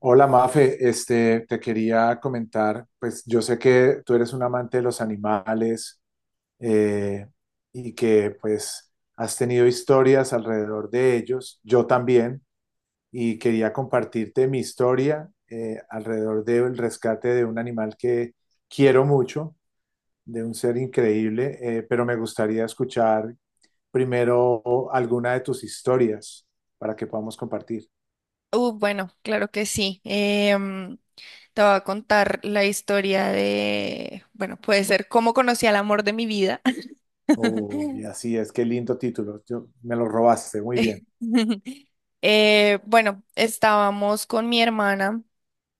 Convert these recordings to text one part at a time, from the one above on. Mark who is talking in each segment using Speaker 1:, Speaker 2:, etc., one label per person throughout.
Speaker 1: Hola Mafe, te quería comentar, pues yo sé que tú eres un amante de los animales eh, y que pues has tenido historias alrededor de ellos, yo también, y quería compartirte mi historia alrededor del rescate de un animal que quiero mucho, de un ser increíble, pero me gustaría escuchar primero alguna de tus historias para que podamos compartir.
Speaker 2: Bueno, claro que sí. Te voy a contar la historia de, bueno, puede ser cómo conocí al amor de mi vida.
Speaker 1: Uy, así es, qué lindo título. Yo, me lo robaste, muy bien.
Speaker 2: Bueno, estábamos con mi hermana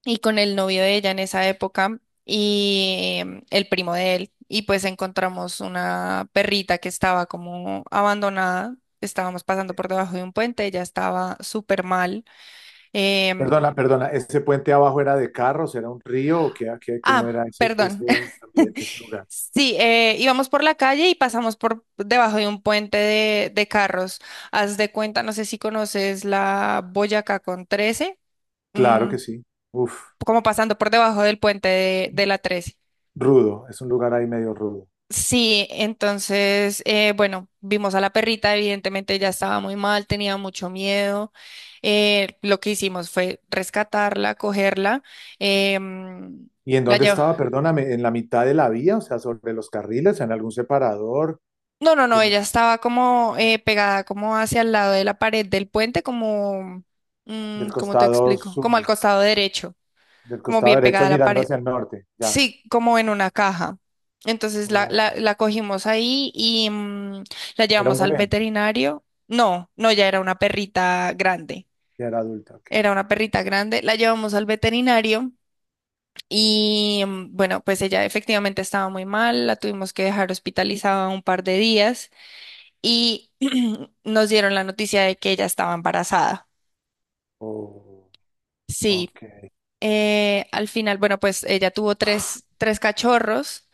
Speaker 2: y con el novio de ella en esa época y el primo de él. Y pues encontramos una perrita que estaba como abandonada. Estábamos pasando por debajo de un puente, ella estaba súper mal. em,
Speaker 1: Perdona, perdona, ¿ese puente abajo era de carros, era un río o cómo
Speaker 2: Ah,
Speaker 1: era ese,
Speaker 2: perdón.
Speaker 1: ambiente, ese lugar?
Speaker 2: Sí, íbamos por la calle y pasamos por debajo de un puente de carros. Haz de cuenta, no sé si conoces la Boyacá con 13,
Speaker 1: Claro
Speaker 2: mm,
Speaker 1: que sí. Uf,
Speaker 2: como pasando por debajo del puente de la 13.
Speaker 1: rudo, es un lugar ahí medio rudo.
Speaker 2: Sí, entonces, bueno, vimos a la perrita, evidentemente ya estaba muy mal, tenía mucho miedo. Lo que hicimos fue rescatarla, cogerla. eh, mm,
Speaker 1: ¿Y en
Speaker 2: la
Speaker 1: dónde
Speaker 2: llev-
Speaker 1: estaba? Perdóname, ¿en la mitad de la vía, o sea, sobre los carriles, en algún separador,
Speaker 2: No, no, no,
Speaker 1: como
Speaker 2: ella estaba como pegada como hacia el lado de la pared del puente, como,
Speaker 1: del
Speaker 2: ¿cómo te
Speaker 1: costado
Speaker 2: explico? Como al
Speaker 1: sur,
Speaker 2: costado derecho,
Speaker 1: del
Speaker 2: como
Speaker 1: costado
Speaker 2: bien pegada
Speaker 1: derecho,
Speaker 2: a la
Speaker 1: mirando
Speaker 2: pared.
Speaker 1: hacia el norte, ya?
Speaker 2: Sí, como en una caja. Entonces la, la,
Speaker 1: Oh,
Speaker 2: la cogimos ahí y la
Speaker 1: ¿era un
Speaker 2: llevamos al
Speaker 1: bebé,
Speaker 2: veterinario. No, no, ya era una perrita grande.
Speaker 1: ya era adulta? Ok.
Speaker 2: Era una perrita grande. La llevamos al veterinario y bueno, pues ella efectivamente estaba muy mal. La tuvimos que dejar hospitalizada un par de días y nos dieron la noticia de que ella estaba embarazada.
Speaker 1: Oh,
Speaker 2: Sí,
Speaker 1: ok,
Speaker 2: al final, bueno, pues ella tuvo tres cachorros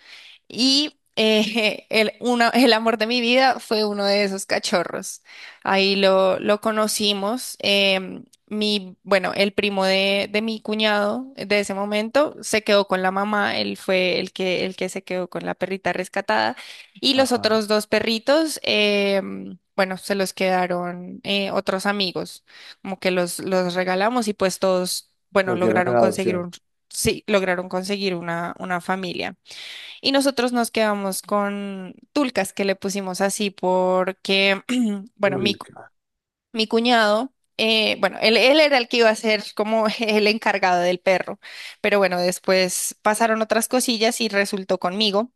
Speaker 2: y el amor de mi vida fue uno de esos cachorros. Ahí lo conocimos. Bueno, el primo de mi cuñado de ese momento se quedó con la mamá. Él fue el que se quedó con la perrita rescatada. Y los
Speaker 1: ajá,
Speaker 2: otros dos perritos, bueno, se los quedaron, otros amigos. Como que los regalamos y pues todos, bueno,
Speaker 1: los dieron en
Speaker 2: lograron conseguir
Speaker 1: adopción.
Speaker 2: un, sí, lograron conseguir una familia. Y nosotros nos quedamos con Tulcas, que le pusimos así porque, bueno,
Speaker 1: Tulca.
Speaker 2: mi cuñado, bueno, él era el que iba a ser como el encargado del perro, pero bueno, después pasaron otras cosillas y resultó conmigo.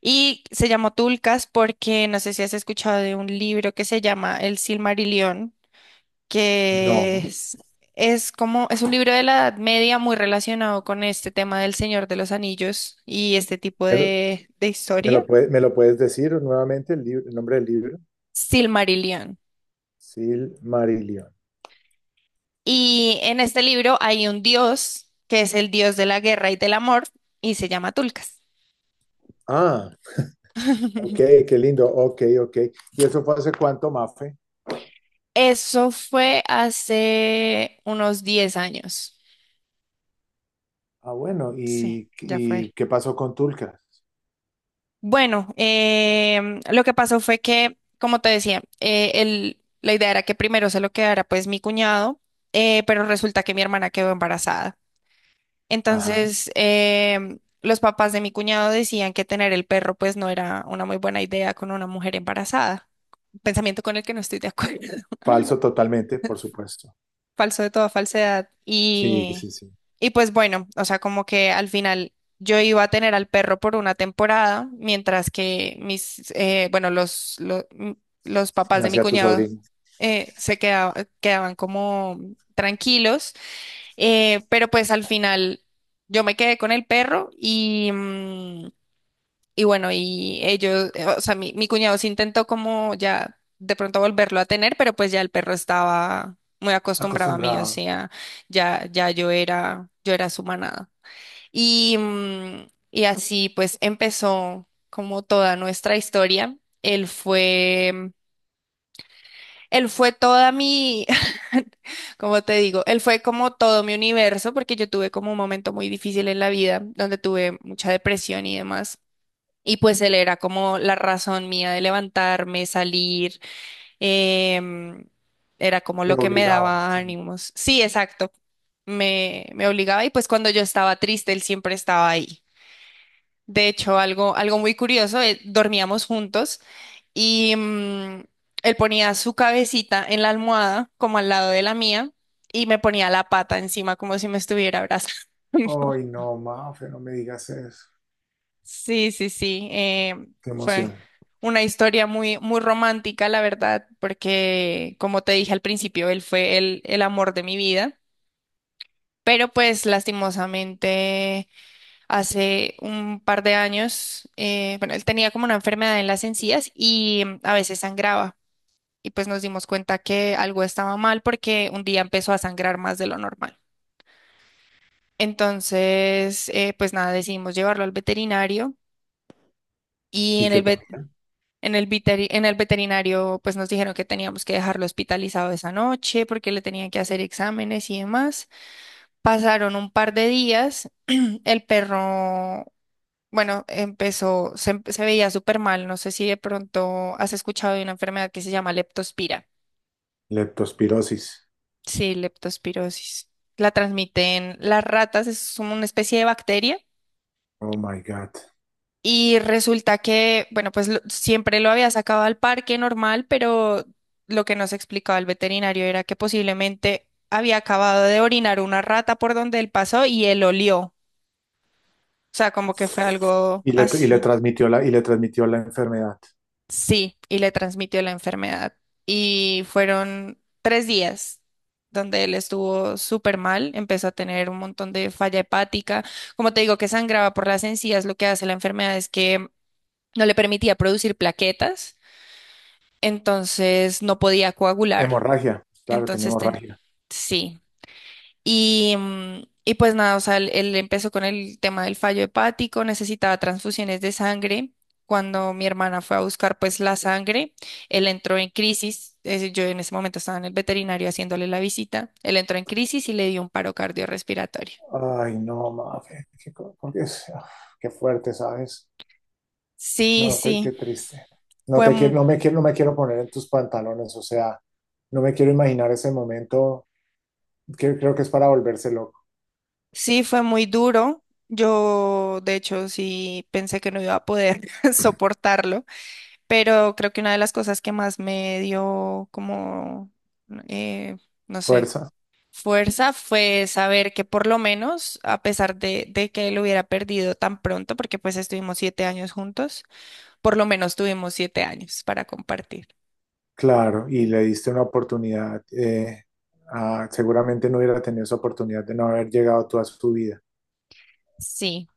Speaker 2: Y se llamó Tulcas porque no sé si has escuchado de un libro que se llama El Silmarillion, que
Speaker 1: No.
Speaker 2: es como, es un libro de la Edad Media muy relacionado con este tema del Señor de los Anillos y este tipo
Speaker 1: ¿Me lo,
Speaker 2: de historias.
Speaker 1: me lo puedes decir nuevamente el nombre del libro?
Speaker 2: Silmarillion.
Speaker 1: Silmarillion.
Speaker 2: Y en este libro hay un dios que es el dios de la guerra y del amor y se llama Tulkas.
Speaker 1: Ah, ok, qué lindo. Ok, ok. ¿Y eso fue hace cuánto, Mafe?
Speaker 2: Eso fue hace unos 10 años.
Speaker 1: Ah, bueno.
Speaker 2: Sí, ya
Speaker 1: Y
Speaker 2: fue.
Speaker 1: qué pasó con Tulca?
Speaker 2: Bueno, lo que pasó fue que, como te decía, la idea era que primero se lo quedara pues mi cuñado, pero resulta que mi hermana quedó embarazada.
Speaker 1: Ajá.
Speaker 2: Entonces, los papás de mi cuñado decían que tener el perro pues no era una muy buena idea con una mujer embarazada. Pensamiento con el que no estoy de acuerdo.
Speaker 1: Falso totalmente, por supuesto.
Speaker 2: Falso de toda falsedad.
Speaker 1: Sí,
Speaker 2: Y,
Speaker 1: sí, sí.
Speaker 2: y pues bueno, o sea, como que al final yo iba a tener al perro por una temporada, mientras que mis, bueno, los, lo- m- los, papás de mi
Speaker 1: Nacía tu
Speaker 2: cuñado,
Speaker 1: sobrino.
Speaker 2: eh, se queda- quedaban como tranquilos. Pero pues al final yo me quedé con el perro y bueno, y ellos, o sea, mi cuñado sí intentó como ya de pronto volverlo a tener, pero pues ya el perro estaba muy acostumbrado a mí, o
Speaker 1: Acostumbrado.
Speaker 2: sea, ya yo era su manada. Y así pues empezó como toda nuestra historia. Él fue toda mi, como te digo, él fue como todo mi universo, porque yo tuve como un momento muy difícil en la vida, donde tuve mucha depresión y demás. Y pues él era como la razón mía de levantarme, salir, em, era como
Speaker 1: Te
Speaker 2: lo que me
Speaker 1: obligaba,
Speaker 2: daba
Speaker 1: sí.
Speaker 2: ánimos. Sí, exacto, me obligaba y pues cuando yo estaba triste, él siempre estaba ahí. De hecho, algo muy curioso, dormíamos juntos. Y él ponía su cabecita en la almohada, como al lado de la mía, y me ponía la pata encima, como si me estuviera abrazando.
Speaker 1: Ay, no, Mafe, no me digas eso.
Speaker 2: Sí, sí, sí. eh,
Speaker 1: Qué
Speaker 2: fue
Speaker 1: emoción.
Speaker 2: una historia muy, muy romántica, la verdad, porque, como te dije al principio, él fue el amor de mi vida. Pero pues lastimosamente hace un par de años, bueno, él tenía como una enfermedad en las encías y a veces sangraba. Y pues nos dimos cuenta que algo estaba mal porque un día empezó a sangrar más de lo normal. Entonces, pues nada, decidimos llevarlo al veterinario y
Speaker 1: ¿Y
Speaker 2: en
Speaker 1: qué
Speaker 2: el,
Speaker 1: te?
Speaker 2: vet- en el, veteri- en el veterinario pues nos dijeron que teníamos que dejarlo hospitalizado esa noche porque le tenían que hacer exámenes y demás. Pasaron un par de días, el perro, bueno, empezó, se veía súper mal, no sé si de pronto has escuchado de una enfermedad que se llama leptospira.
Speaker 1: Leptospirosis.
Speaker 2: Sí, leptospirosis. La transmiten las ratas, es una especie de bacteria.
Speaker 1: Oh my God.
Speaker 2: Y resulta que, bueno, pues siempre lo había sacado al parque normal, pero lo que nos explicaba el veterinario era que posiblemente había acabado de orinar una rata por donde él pasó y él olió. O sea, como que fue algo
Speaker 1: Y le
Speaker 2: así.
Speaker 1: transmitió y le transmitió la enfermedad.
Speaker 2: Sí, y le transmitió la enfermedad. Y fueron 3 días donde él estuvo súper mal, empezó a tener un montón de falla hepática. Como te digo, que sangraba por las encías, lo que hace la enfermedad es que no le permitía producir plaquetas, entonces no podía coagular.
Speaker 1: Hemorragia, claro, tenía
Speaker 2: Entonces,
Speaker 1: hemorragia.
Speaker 2: sí. Y pues nada, o sea, él empezó con el tema del fallo hepático, necesitaba transfusiones de sangre. Cuando mi hermana fue a buscar pues la sangre, él entró en crisis. Es yo en ese momento estaba en el veterinario haciéndole la visita. Él entró en crisis y le dio un paro cardiorrespiratorio.
Speaker 1: Ay, no, Mafe, qué, co- por qué es- ah, qué fuerte, ¿sabes?
Speaker 2: Sí,
Speaker 1: No, qué,
Speaker 2: sí,
Speaker 1: qué triste. No
Speaker 2: fue,
Speaker 1: te
Speaker 2: mu-
Speaker 1: quiero, no me quiero poner en tus pantalones, o sea, no me quiero imaginar ese momento, que creo que es para volverse loco.
Speaker 2: sí, fue muy duro. Yo, de hecho, sí pensé que no iba a poder soportarlo. Pero creo que una de las cosas que más me dio como, eh, no sé,
Speaker 1: Fuerza.
Speaker 2: fuerza fue saber que por lo menos, a pesar de que él hubiera perdido tan pronto, porque pues estuvimos 7 años juntos, por lo menos tuvimos 7 años para compartir.
Speaker 1: Claro, y le diste una oportunidad, seguramente no hubiera tenido esa oportunidad de no haber llegado tú a su vida.
Speaker 2: Sí.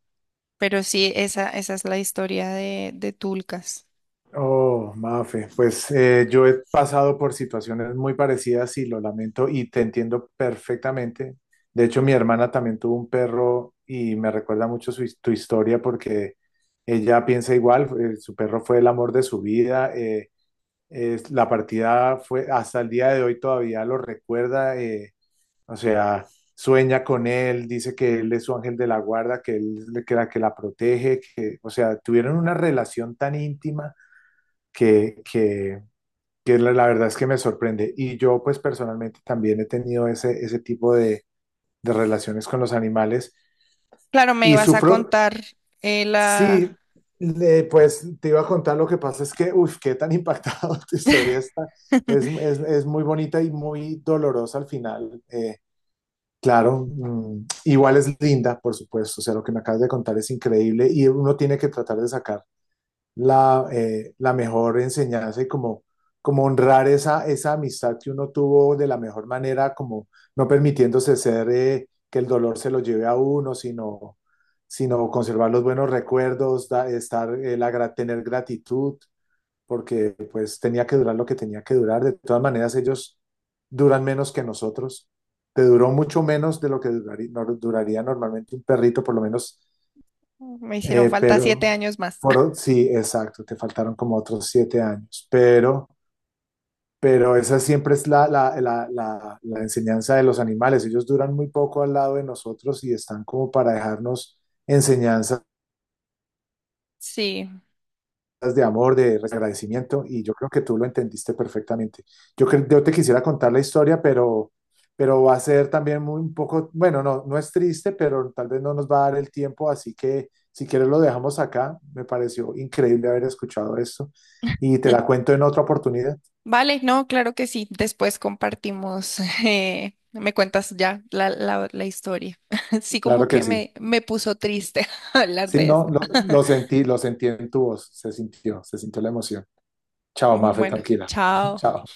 Speaker 2: Pero sí, esa es la historia de Tulcas.
Speaker 1: Oh, Mafe, pues yo he pasado por situaciones muy parecidas y lo lamento y te entiendo perfectamente. De hecho, mi hermana también tuvo un perro y me recuerda mucho tu historia porque ella piensa igual, su perro fue el amor de su vida, la partida fue, hasta el día de hoy todavía lo recuerda. O sea, sueña con él, dice que él es su ángel de la guarda, que él le que la protege, que, o sea, tuvieron una relación tan íntima que, que, que la verdad es que me sorprende. Y yo, pues personalmente también he tenido ese tipo de relaciones con los animales
Speaker 2: Claro, me
Speaker 1: y
Speaker 2: ibas a
Speaker 1: sufro,
Speaker 2: contar la...
Speaker 1: sí, pues te iba a contar lo que pasa es que, uff, qué tan impactado tu historia está. Es muy bonita y muy dolorosa al final. Claro, mm, igual es linda, por supuesto, o sea, lo que me acabas de contar es increíble y uno tiene que tratar de sacar la mejor enseñanza y como, como honrar esa, esa amistad que uno tuvo de la mejor manera, como no permitiéndose ser que el dolor se lo lleve a uno, sino, sino conservar los buenos recuerdos, estar, tener gratitud porque pues tenía que durar lo que tenía que durar. De todas maneras, ellos duran menos que nosotros. Te duró mucho menos de lo que duraría, duraría normalmente un perrito, por lo menos,
Speaker 2: Me hicieron falta siete
Speaker 1: pero
Speaker 2: años más.
Speaker 1: por, sí, exacto, te faltaron como otros 7 años, pero esa siempre es la enseñanza de los animales. Ellos duran muy poco al lado de nosotros y están como para dejarnos enseñanzas
Speaker 2: Sí.
Speaker 1: de amor, de agradecimiento, y yo creo que tú lo entendiste perfectamente. Yo te quisiera contar la historia, pero va a ser también muy un poco, bueno, no, no es triste, pero tal vez no nos va a dar el tiempo, así que si quieres lo dejamos acá. Me pareció increíble haber escuchado esto y te la cuento en otra oportunidad.
Speaker 2: Vale, no, claro que sí. Después compartimos, me cuentas ya la historia. Sí, como
Speaker 1: Claro que
Speaker 2: que
Speaker 1: sí.
Speaker 2: me puso triste hablar
Speaker 1: Sí,
Speaker 2: de
Speaker 1: no,
Speaker 2: esto.
Speaker 1: lo sentí en tu voz, se sintió la emoción. Chao, Mafe,
Speaker 2: Bueno,
Speaker 1: tranquila.
Speaker 2: chao.
Speaker 1: Chao.